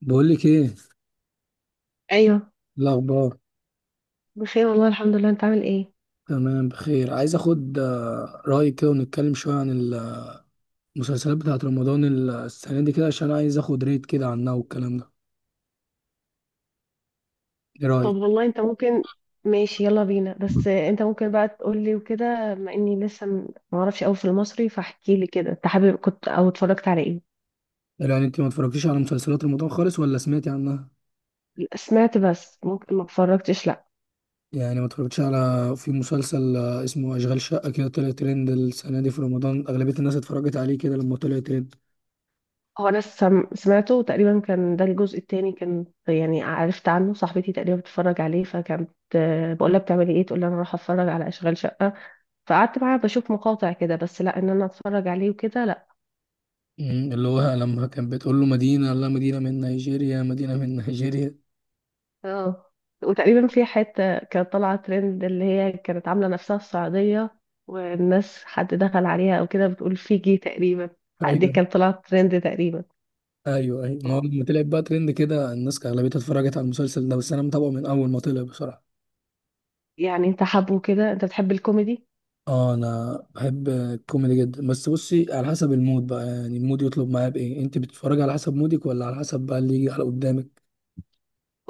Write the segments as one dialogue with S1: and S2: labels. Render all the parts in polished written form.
S1: بقول لك ايه
S2: ايوه.
S1: الاخبار.
S2: بخير والله الحمد لله، انت عامل ايه؟
S1: تمام، بخير. عايز اخد رايك كده ونتكلم شويه عن المسلسلات بتاعه رمضان السنه دي كده، عشان عايز اخد ريت كده عنها والكلام ده. ايه
S2: طب
S1: رايك؟
S2: والله انت ممكن، ماشي يلا بينا، بس انت ممكن بقى تقول لي وكده، بما اني لسه ما اعرفش قوي في المصري، فاحكي لي كده انت حابب كنت او اتفرجت على ايه؟
S1: يعني انت ما اتفرجتيش على مسلسلات رمضان خالص ولا سمعتي عنها؟
S2: سمعت بس ممكن ما اتفرجتش، لا.
S1: يعني ما اتفرجتيش على... في مسلسل اسمه اشغال شقه كده، طلع ترند السنه دي في رمضان، اغلبيه الناس اتفرجت عليه كده لما طلع ترند.
S2: هو انا سمعته تقريبا، كان ده الجزء التاني، كان يعني عرفت عنه صاحبتي تقريبا بتتفرج عليه، فكانت بقول لها بتعملي ايه، تقول لي انا رايحه اتفرج على اشغال شقه. فقعدت معاها بشوف مقاطع كده، بس لا ان انا اتفرج عليه وكده لا.
S1: اللي هو لما كان بتقول له مدينه، لا مدينه من نيجيريا، مدينه من نيجيريا.
S2: اه. وتقريبا في حتة كانت طالعة ترند، اللي هي كانت عاملة نفسها السعودية، والناس حد دخل عليها او كده بتقول فيجي تقريبا. دي
S1: ايوه،
S2: كانت طلعت ترند تقريبا.
S1: ايوه، ايوه، ما هو
S2: اه.
S1: لما طلعت بقى ترند كده الناس اغلبيتها اتفرجت على المسلسل ده، بس انا متابعه من اول ما طلع بصراحه.
S2: يعني انت حابه كده، انت بتحب الكوميدي؟
S1: اه، انا بحب الكوميدي جدا، بس بصي، على حسب المود بقى، يعني المود يطلب معايا بايه؟ انت بتتفرجي على حسب مودك ولا على حسب بقى اللي يجي على قدامك؟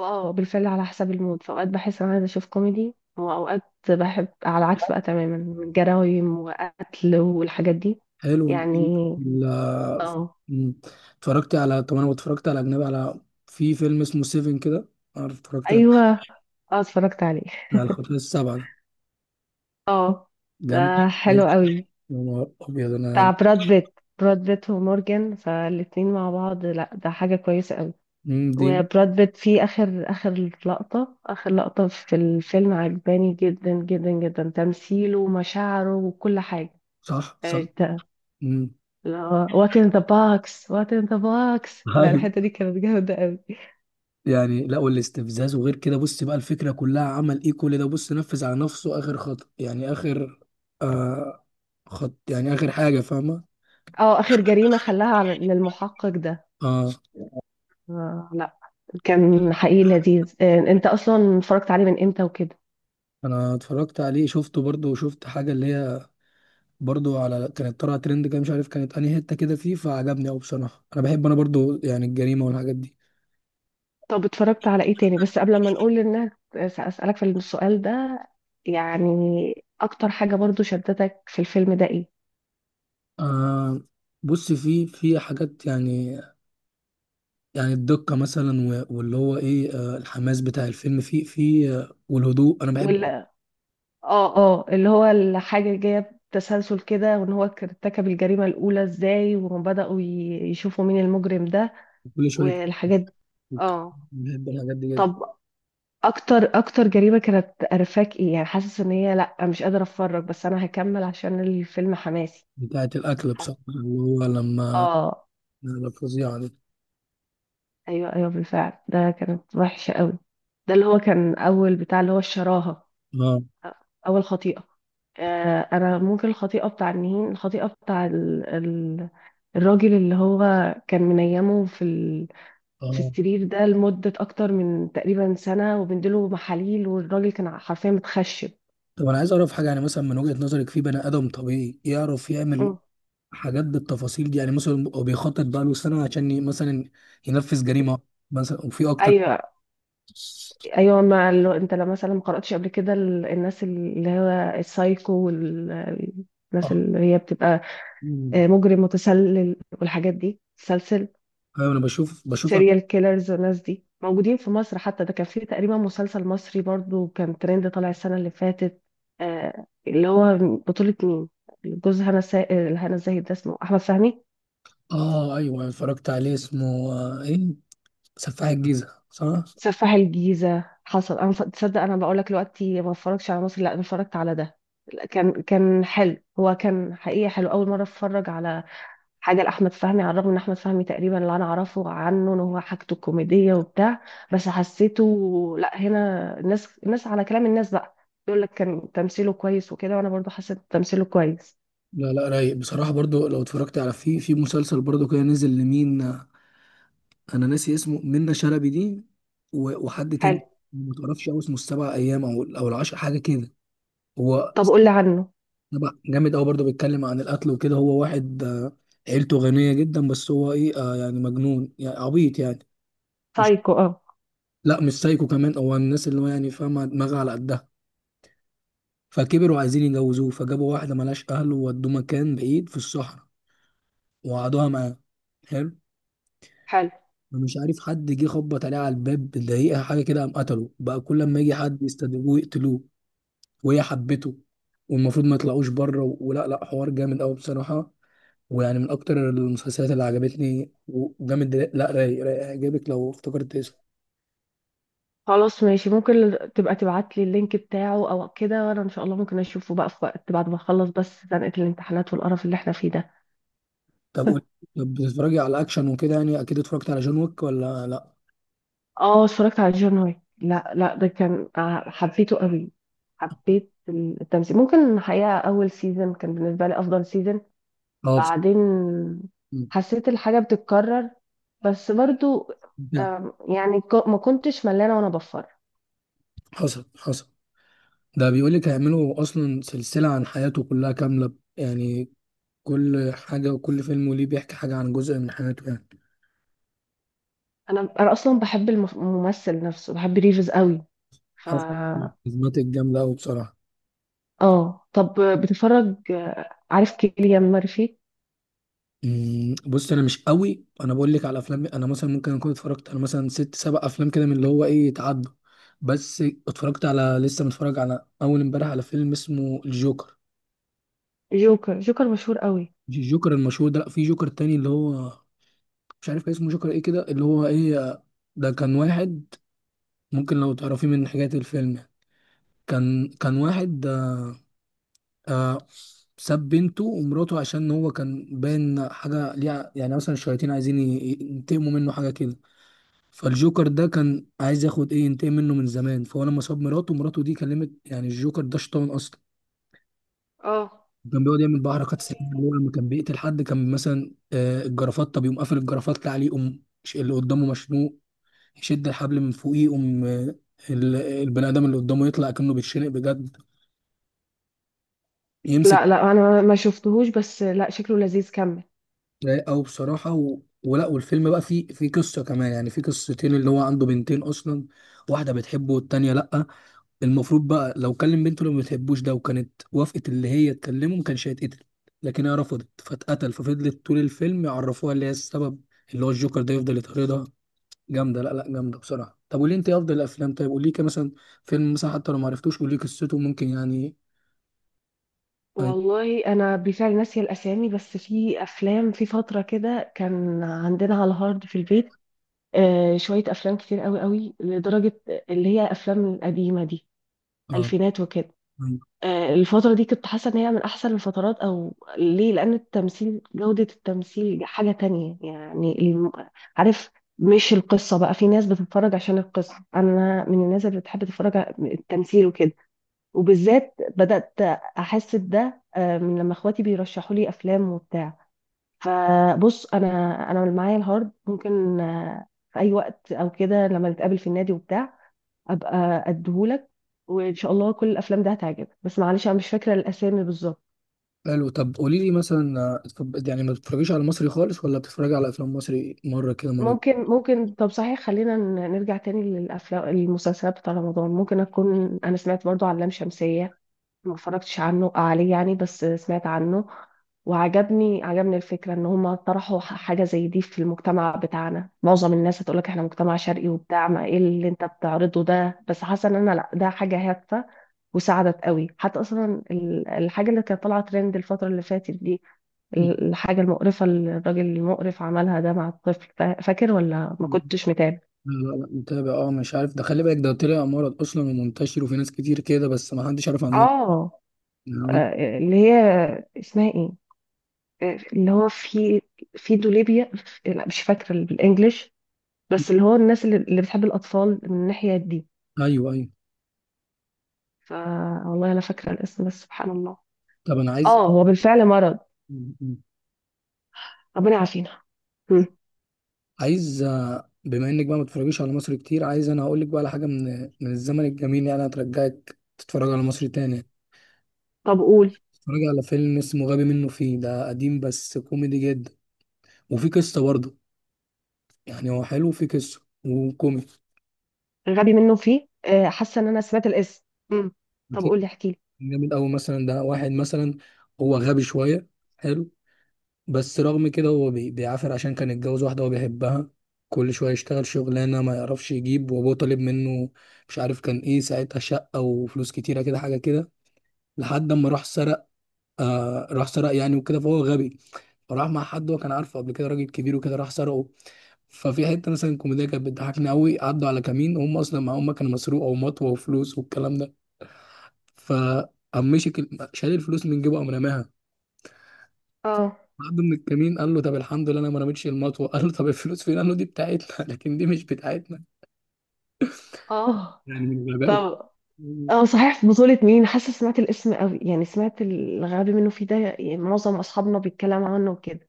S2: اه بالفعل على حسب المود، فاوقات بحس انا عايزة اشوف كوميدي، واوقات بحب على العكس بقى تماما، من جرايم وقتل والحاجات دي
S1: حلو. انت
S2: يعني.
S1: ال-
S2: اه
S1: م، اتفرجتي على... طب انا اتفرجت على اجنبي، على... في فيلم اسمه سيفن كده، عارف؟ اتفرجت
S2: ايوه. اه، اتفرجت عليه.
S1: على الخطوه السبعه ده؟
S2: اه
S1: جامد يا
S2: ده حلو قوي،
S1: نهار ابيض.
S2: بتاع
S1: انا
S2: براد بيت ومورجان، فالاتنين مع بعض، لا ده حاجة كويسة قوي.
S1: دي...
S2: وبراد بيت في آخر آخر لقطة في الفيلم، عجباني جدا جدا جدا تمثيله ومشاعره وكل حاجة.
S1: صح، صح.
S2: ده
S1: م.
S2: اللي هو وات ان ذا باكس، وات ان ذا باكس، لا الحتة دي كانت جامدة قوي.
S1: يعني لا، والاستفزاز وغير كده. بص بقى، الفكرة كلها عمل ايه كل ده؟ بص، نفذ على نفسه اخر خط، يعني اخر آه خط، يعني اخر حاجة، فاهمة؟
S2: اه آخر جريمة خلاها على للمحقق ده.
S1: اه،
S2: لا، كان حقيقي لذيذ. انت اصلا اتفرجت عليه من امتى وكده؟
S1: انا اتفرجت عليه، شفته برضه. وشفت حاجة اللي هي برضه، على كانت طالعة ترند كده، مش عارف كانت انهي حتة كده فيه، فعجبني اوي بصراحة. انا بحب، انا برضه يعني الجريمة والحاجات دي.
S2: طب اتفرجت على ايه تاني؟ بس قبل ما نقول للناس، اسالك في السؤال ده، يعني اكتر حاجه برضو شدتك في الفيلم ده ايه؟
S1: آه بص، في حاجات يعني. يعني الدقة مثلا واللي هو ايه، الحماس بتاع الفيلم، في والهدوء، انا بحب
S2: ولا اه. اه اللي هو الحاجه جايه بتسلسل كده، وان هو كان ارتكب الجريمه الاولى ازاي، وبداوا يشوفوا مين المجرم ده
S1: كل شوية.
S2: والحاجات دي. اه.
S1: بحب الحاجات دي جدا.
S2: طب اكتر اكتر جريمه كانت قرفاك ايه؟ يعني حاسس ان هي لا مش قادره اتفرج، بس انا هكمل عشان الفيلم حماسي.
S1: بتاعت الأكل بصراحة، اللي هو لما
S2: اه.
S1: لما الفظيعة دي.
S2: ايوه ايوه، بالفعل ده كانت وحشه قوي. ده اللي هو كان اول بتاع، اللي هو الشراهه،
S1: اه،
S2: اول خطيئه. انا ممكن الخطيئه بتاع النهين، الخطيئه بتاع الراجل، اللي هو كان منيمه في
S1: اه.
S2: السرير ده لمده اكتر من تقريبا سنه، وبنديله محاليل، والراجل كان حرفيا متخشب.
S1: طب أنا عايز أعرف حاجة، يعني مثلا من وجهة نظرك، في بني آدم طبيعي يعرف يعمل
S2: مم.
S1: حاجات بالتفاصيل دي؟ يعني مثلا هو بيخطط بقاله سنة عشان مثلا ينفذ جريمة مثلا، وفي أكتر.
S2: ايوه ايوه، ما لو انت لو مثلا ما قراتش قبل كده الناس اللي هو السايكو،
S1: اه.
S2: والناس اللي هي بتبقى
S1: مم.
S2: مجرم متسلل والحاجات دي، سلسل
S1: أيوة، أنا بشوف.
S2: سيريال كيلرز، والناس دي موجودين في مصر حتى. ده كان في تقريبا مسلسل مصري برضو كان ترند طالع السنة اللي فاتت، اللي هو بطولة مين؟ جوز هنا هنا الزاهد، ده اسمه أحمد فهمي.
S1: اه، أيوة أنا اتفرجت عليه، اسمه إيه، سفاح الجيزة، صح؟
S2: سفاح الجيزة، حصل. أنا تصدق أنا بقول لك دلوقتي ما اتفرجش على مصر، لا أنا اتفرجت على ده. لا، كان حلو، هو كان حقيقة حلو أول مرة أتفرج على حاجه لاحمد فهمي، على الرغم ان احمد فهمي تقريبا اللي انا اعرفه عنه ان هو حاجته كوميديه وبتاع، بس حسيته لا. هنا الناس على كلام الناس بقى، يقول لك كان تمثيله كويس وكده، وانا برضو حسيت تمثيله كويس.
S1: لا لا، رايق بصراحة. برضو لو اتفرجت على... في مسلسل برضو كده نزل لمين، انا ناسي اسمه، منة شلبي دي وحد
S2: حلو.
S1: تاني، ما تعرفش هو اسمه السبع ايام او او العشر حاجه كده. هو
S2: طب قول لي عنه.
S1: سبع، جامد قوي برضه، بيتكلم عن القتل وكده. هو واحد عيلته غنيه جدا، بس هو ايه، يعني مجنون يعني، عبيط يعني، مش...
S2: سايكو اه.
S1: لا مش سايكو كمان، هو الناس اللي هو يعني فاهمه دماغها على قدها، فكبروا عايزين يجوزوه، فجابوا واحده ملهاش اهل وودوه مكان بعيد في الصحراء وقعدوها معاه. حلو.
S2: حلو.
S1: مش عارف، حد جه خبط عليه على الباب دقيقة حاجة كده، قام قتله بقى. كل لما يجي حد يستدعوه يقتلوه، وهي حبته. والمفروض ما يطلعوش بره ولا لا، حوار جامد قوي بصراحه. ويعني من اكتر المسلسلات اللي عجبتني وجامد، لا رايق، رايق، هيعجبك لو افتكرت اسمه.
S2: خلاص ماشي، ممكن تبقى تبعت لي اللينك بتاعه او كده، وانا ان شاء الله ممكن اشوفه بقى في وقت بعد ما اخلص، بس زنقة الامتحانات والقرف اللي احنا فيه ده.
S1: طب قول. طب بتتفرجي على اكشن وكده؟ يعني اكيد اتفرجت على جون ويك ولا لا؟
S2: اه اتفرجت على جون ويك، لا لا ده كان حبيته قوي. حبيت التمثيل، ممكن الحقيقة أول سيزون كان بالنسبة لي أفضل سيزون.
S1: اه.
S2: بعدين
S1: مم.
S2: حسيت الحاجة بتتكرر، بس برضو
S1: ده
S2: يعني ما كنتش ملانة وأنا بفر.
S1: حصل، حصل. ده بيقول لك هيعملوا اصلا سلسله عن حياته كلها كامله يعني. كل حاجه وكل فيلم، وليه بيحكي حاجه عن جزء من حياته يعني.
S2: أنا أصلا بحب الممثل نفسه، بحب ريفز قوي. ف
S1: حصل. الجامده قوي بصراحه.
S2: اه. طب بتتفرج، عارف كيليان مارفي؟
S1: بص انا مش قوي. انا بقول لك على افلام، انا مثلا ممكن اكون اتفرجت على مثلا ست سبع افلام كده، من اللي هو ايه، يتعدوا بس. اتفرجت على... لسه متفرج على اول امبارح على فيلم اسمه الجوكر.
S2: جوكر، جوكر مشهور قوي.
S1: مش الجوكر المشهور ده، لا، في جوكر تاني اللي هو مش عارف كان اسمه جوكر ايه كده، اللي هو ايه، ده كان واحد. ممكن لو تعرفيه من حاجات الفيلم يعني. كان واحد، آه ساب بنته ومراته عشان هو كان باين حاجه ليها، يعني مثلا الشياطين عايزين ينتقموا منه، حاجه كده. فالجوكر ده كان عايز ياخد ايه، ينتقم منه من زمان. فهو لما صاب مراته، مراته دي كلمت يعني الجوكر، ده شيطان اصلا.
S2: اه
S1: كان بيقعد يعمل بقى حركات سريه، اللي هو لما كان بيقتل حد كان مثلا الجرافطه، بيقوم قافل الجرافطه عليه، يقوم اللي قدامه مشنوق، يشد الحبل من فوقيه، يقوم البني ادم اللي قدامه يطلع كأنه بيتشنق بجد، يمسك...
S2: لا لا انا ما شفتهوش، بس لا شكله لذيذ، كمل.
S1: رايق أوي بصراحة. ولا، والفيلم بقى فيه قصة كمان يعني، فيه قصتين. اللي هو عنده بنتين أصلا، واحدة بتحبه والتانية لأ. المفروض بقى لو كلم بنته اللي ما بتحبوش ده وكانت وافقت اللي هي تكلمه، ما كانش هيتقتل. لكن هي رفضت فاتقتل، ففضلت طول الفيلم يعرفوها اللي هي السبب. اللي هو الجوكر ده يفضل يطاردها. جامدة، لا لا، جامدة بصراحة. طب قولي انت افضل الافلام، طيب قولي كده، مثلا فيلم مثلا، حتى لو ما عرفتوش قولي قصته ممكن يعني. اي.
S2: والله انا بالفعل ناسيه الاسامي، بس في افلام في فتره كده كان عندنا على الهارد في البيت، آه شويه افلام كتير قوي قوي لدرجه، اللي هي الافلام القديمه دي،
S1: اه،
S2: الفينات وكده. آه الفتره دي كنت حاسه ان هي من احسن الفترات، او ليه، لان التمثيل، جوده التمثيل حاجه تانية. يعني عارف، مش القصه بقى، في ناس بتتفرج عشان القصه، انا من الناس اللي بتحب تتفرج على التمثيل وكده. وبالذات بدأت أحس بده من لما إخواتي بيرشحوا لي أفلام وبتاع. فبص أنا، أنا معايا الهارد ممكن في أي وقت أو كده، لما نتقابل في النادي وبتاع أبقى أديهولك، وإن شاء الله كل الأفلام دي هتعجبك، بس معلش أنا مش فاكرة الأسامي بالظبط.
S1: حلو. طب قولي لي مثلا يعني ما بتتفرجيش على مصري خالص ولا بتتفرجي على افلام مصري مره كده مره؟
S2: ممكن طب صحيح، خلينا نرجع تاني للأفلام. المسلسلات بتاع رمضان، ممكن أكون أنا سمعت برضو عن لام شمسية، ما اتفرجتش عنه عليه يعني، بس سمعت عنه. وعجبني الفكرة ان هم طرحوا حاجة زي دي في المجتمع بتاعنا، معظم الناس هتقولك احنا مجتمع شرقي وبتاع، ما ايه اللي انت بتعرضه ده، بس حاسة ان انا لا ده حاجة هادفة، وساعدت قوي حتى اصلا الحاجة اللي كانت طالعة ترند الفترة اللي فاتت دي، الحاجة المقرفة اللي الراجل المقرف عملها ده مع الطفل، فاكر ولا ما
S1: مم.
S2: كنتش متابع؟
S1: لا لا لا، متابع اه. مش عارف ده، خلي بالك ده طلع مرض اصلا ومنتشر، وفي ناس كتير كده بس ما حدش عارف عنهم
S2: اه.
S1: يعني.
S2: اللي هي اسمها ايه؟ اللي هو في دوليبيا، لا مش فاكره بالانجلش، بس اللي هو الناس اللي بتحب الاطفال من الناحيه دي.
S1: ايوه، ايوه.
S2: ف والله انا فاكره الاسم بس سبحان الله.
S1: طب انا عايز...
S2: اه هو بالفعل مرض، ربنا يعافينا. مم.
S1: عايز بما انك بقى ما بتتفرجيش على مصر كتير، عايز انا هقول لك بقى على حاجه من من الزمن الجميل، يعني هترجعك تتفرج على مصر تاني.
S2: طب قول.
S1: تتفرج على فيلم اسمه غبي منه فيه، ده قديم بس كوميدي جدا، وفي قصه برضه يعني، هو حلو، في قصة وكوميدي.
S2: غبي منه فيه، حاسه ان انا سمعت الاسم. مم. طب
S1: أكيد
S2: قول لي، احكي لي.
S1: جامد أوي، مثلا ده واحد مثلا هو غبي شوية، حلو، بس رغم كده هو بيعافر عشان كان اتجوز واحدة هو بيحبها. كل شوية يشتغل شغلانة ما يعرفش يجيب، وأبوه طالب منه، مش عارف كان إيه ساعتها، شقة وفلوس كتيرة كده، حاجة كده، لحد أما راح سرق. راح سرق يعني وكده، فهو غبي، فراح مع حد هو كان عارفه قبل كده، راجل كبير وكده، راح سرقه. ففي حتة مثلا كوميديا كانت بتضحكني أوي، عدوا على كمين، هم أصلا معاهم مكنة مسروقة ومطوة وفلوس والكلام ده، فقام مسك شال الفلوس من جيبه، قام رماها
S2: اه.
S1: بعد من الكمين. قال له طب الحمد لله انا ما رميتش المطوه. قال له طب الفلوس فين؟ قال له دي بتاعتنا. لكن دي مش بتاعتنا،
S2: اه
S1: يعني من غبائه.
S2: طب. اه صحيح، في بطولة مين؟ حاسه سمعت الاسم قوي، يعني سمعت الغبي منه فيه ده، يعني معظم اصحابنا بيتكلموا عنه وكده.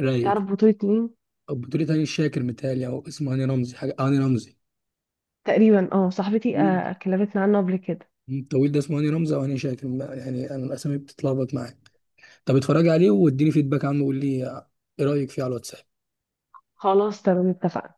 S1: رايق.
S2: تعرف بطولة مين؟
S1: طب بتقولي هاني شاكر، متهيألي او اسمه هاني رمزي، حاجه هاني رمزي،
S2: تقريبا اه، صاحبتي كلمتنا عنه قبل كده.
S1: الطويل ده، اسمه هاني رمزي او هاني شاكر يعني انا الاسامي بتتلخبط معايا. طب اتفرجي عليه واديني فيدباك عنه، وقول لي ايه رايك فيه على الواتساب.
S2: خلاص تمام، اتفقنا.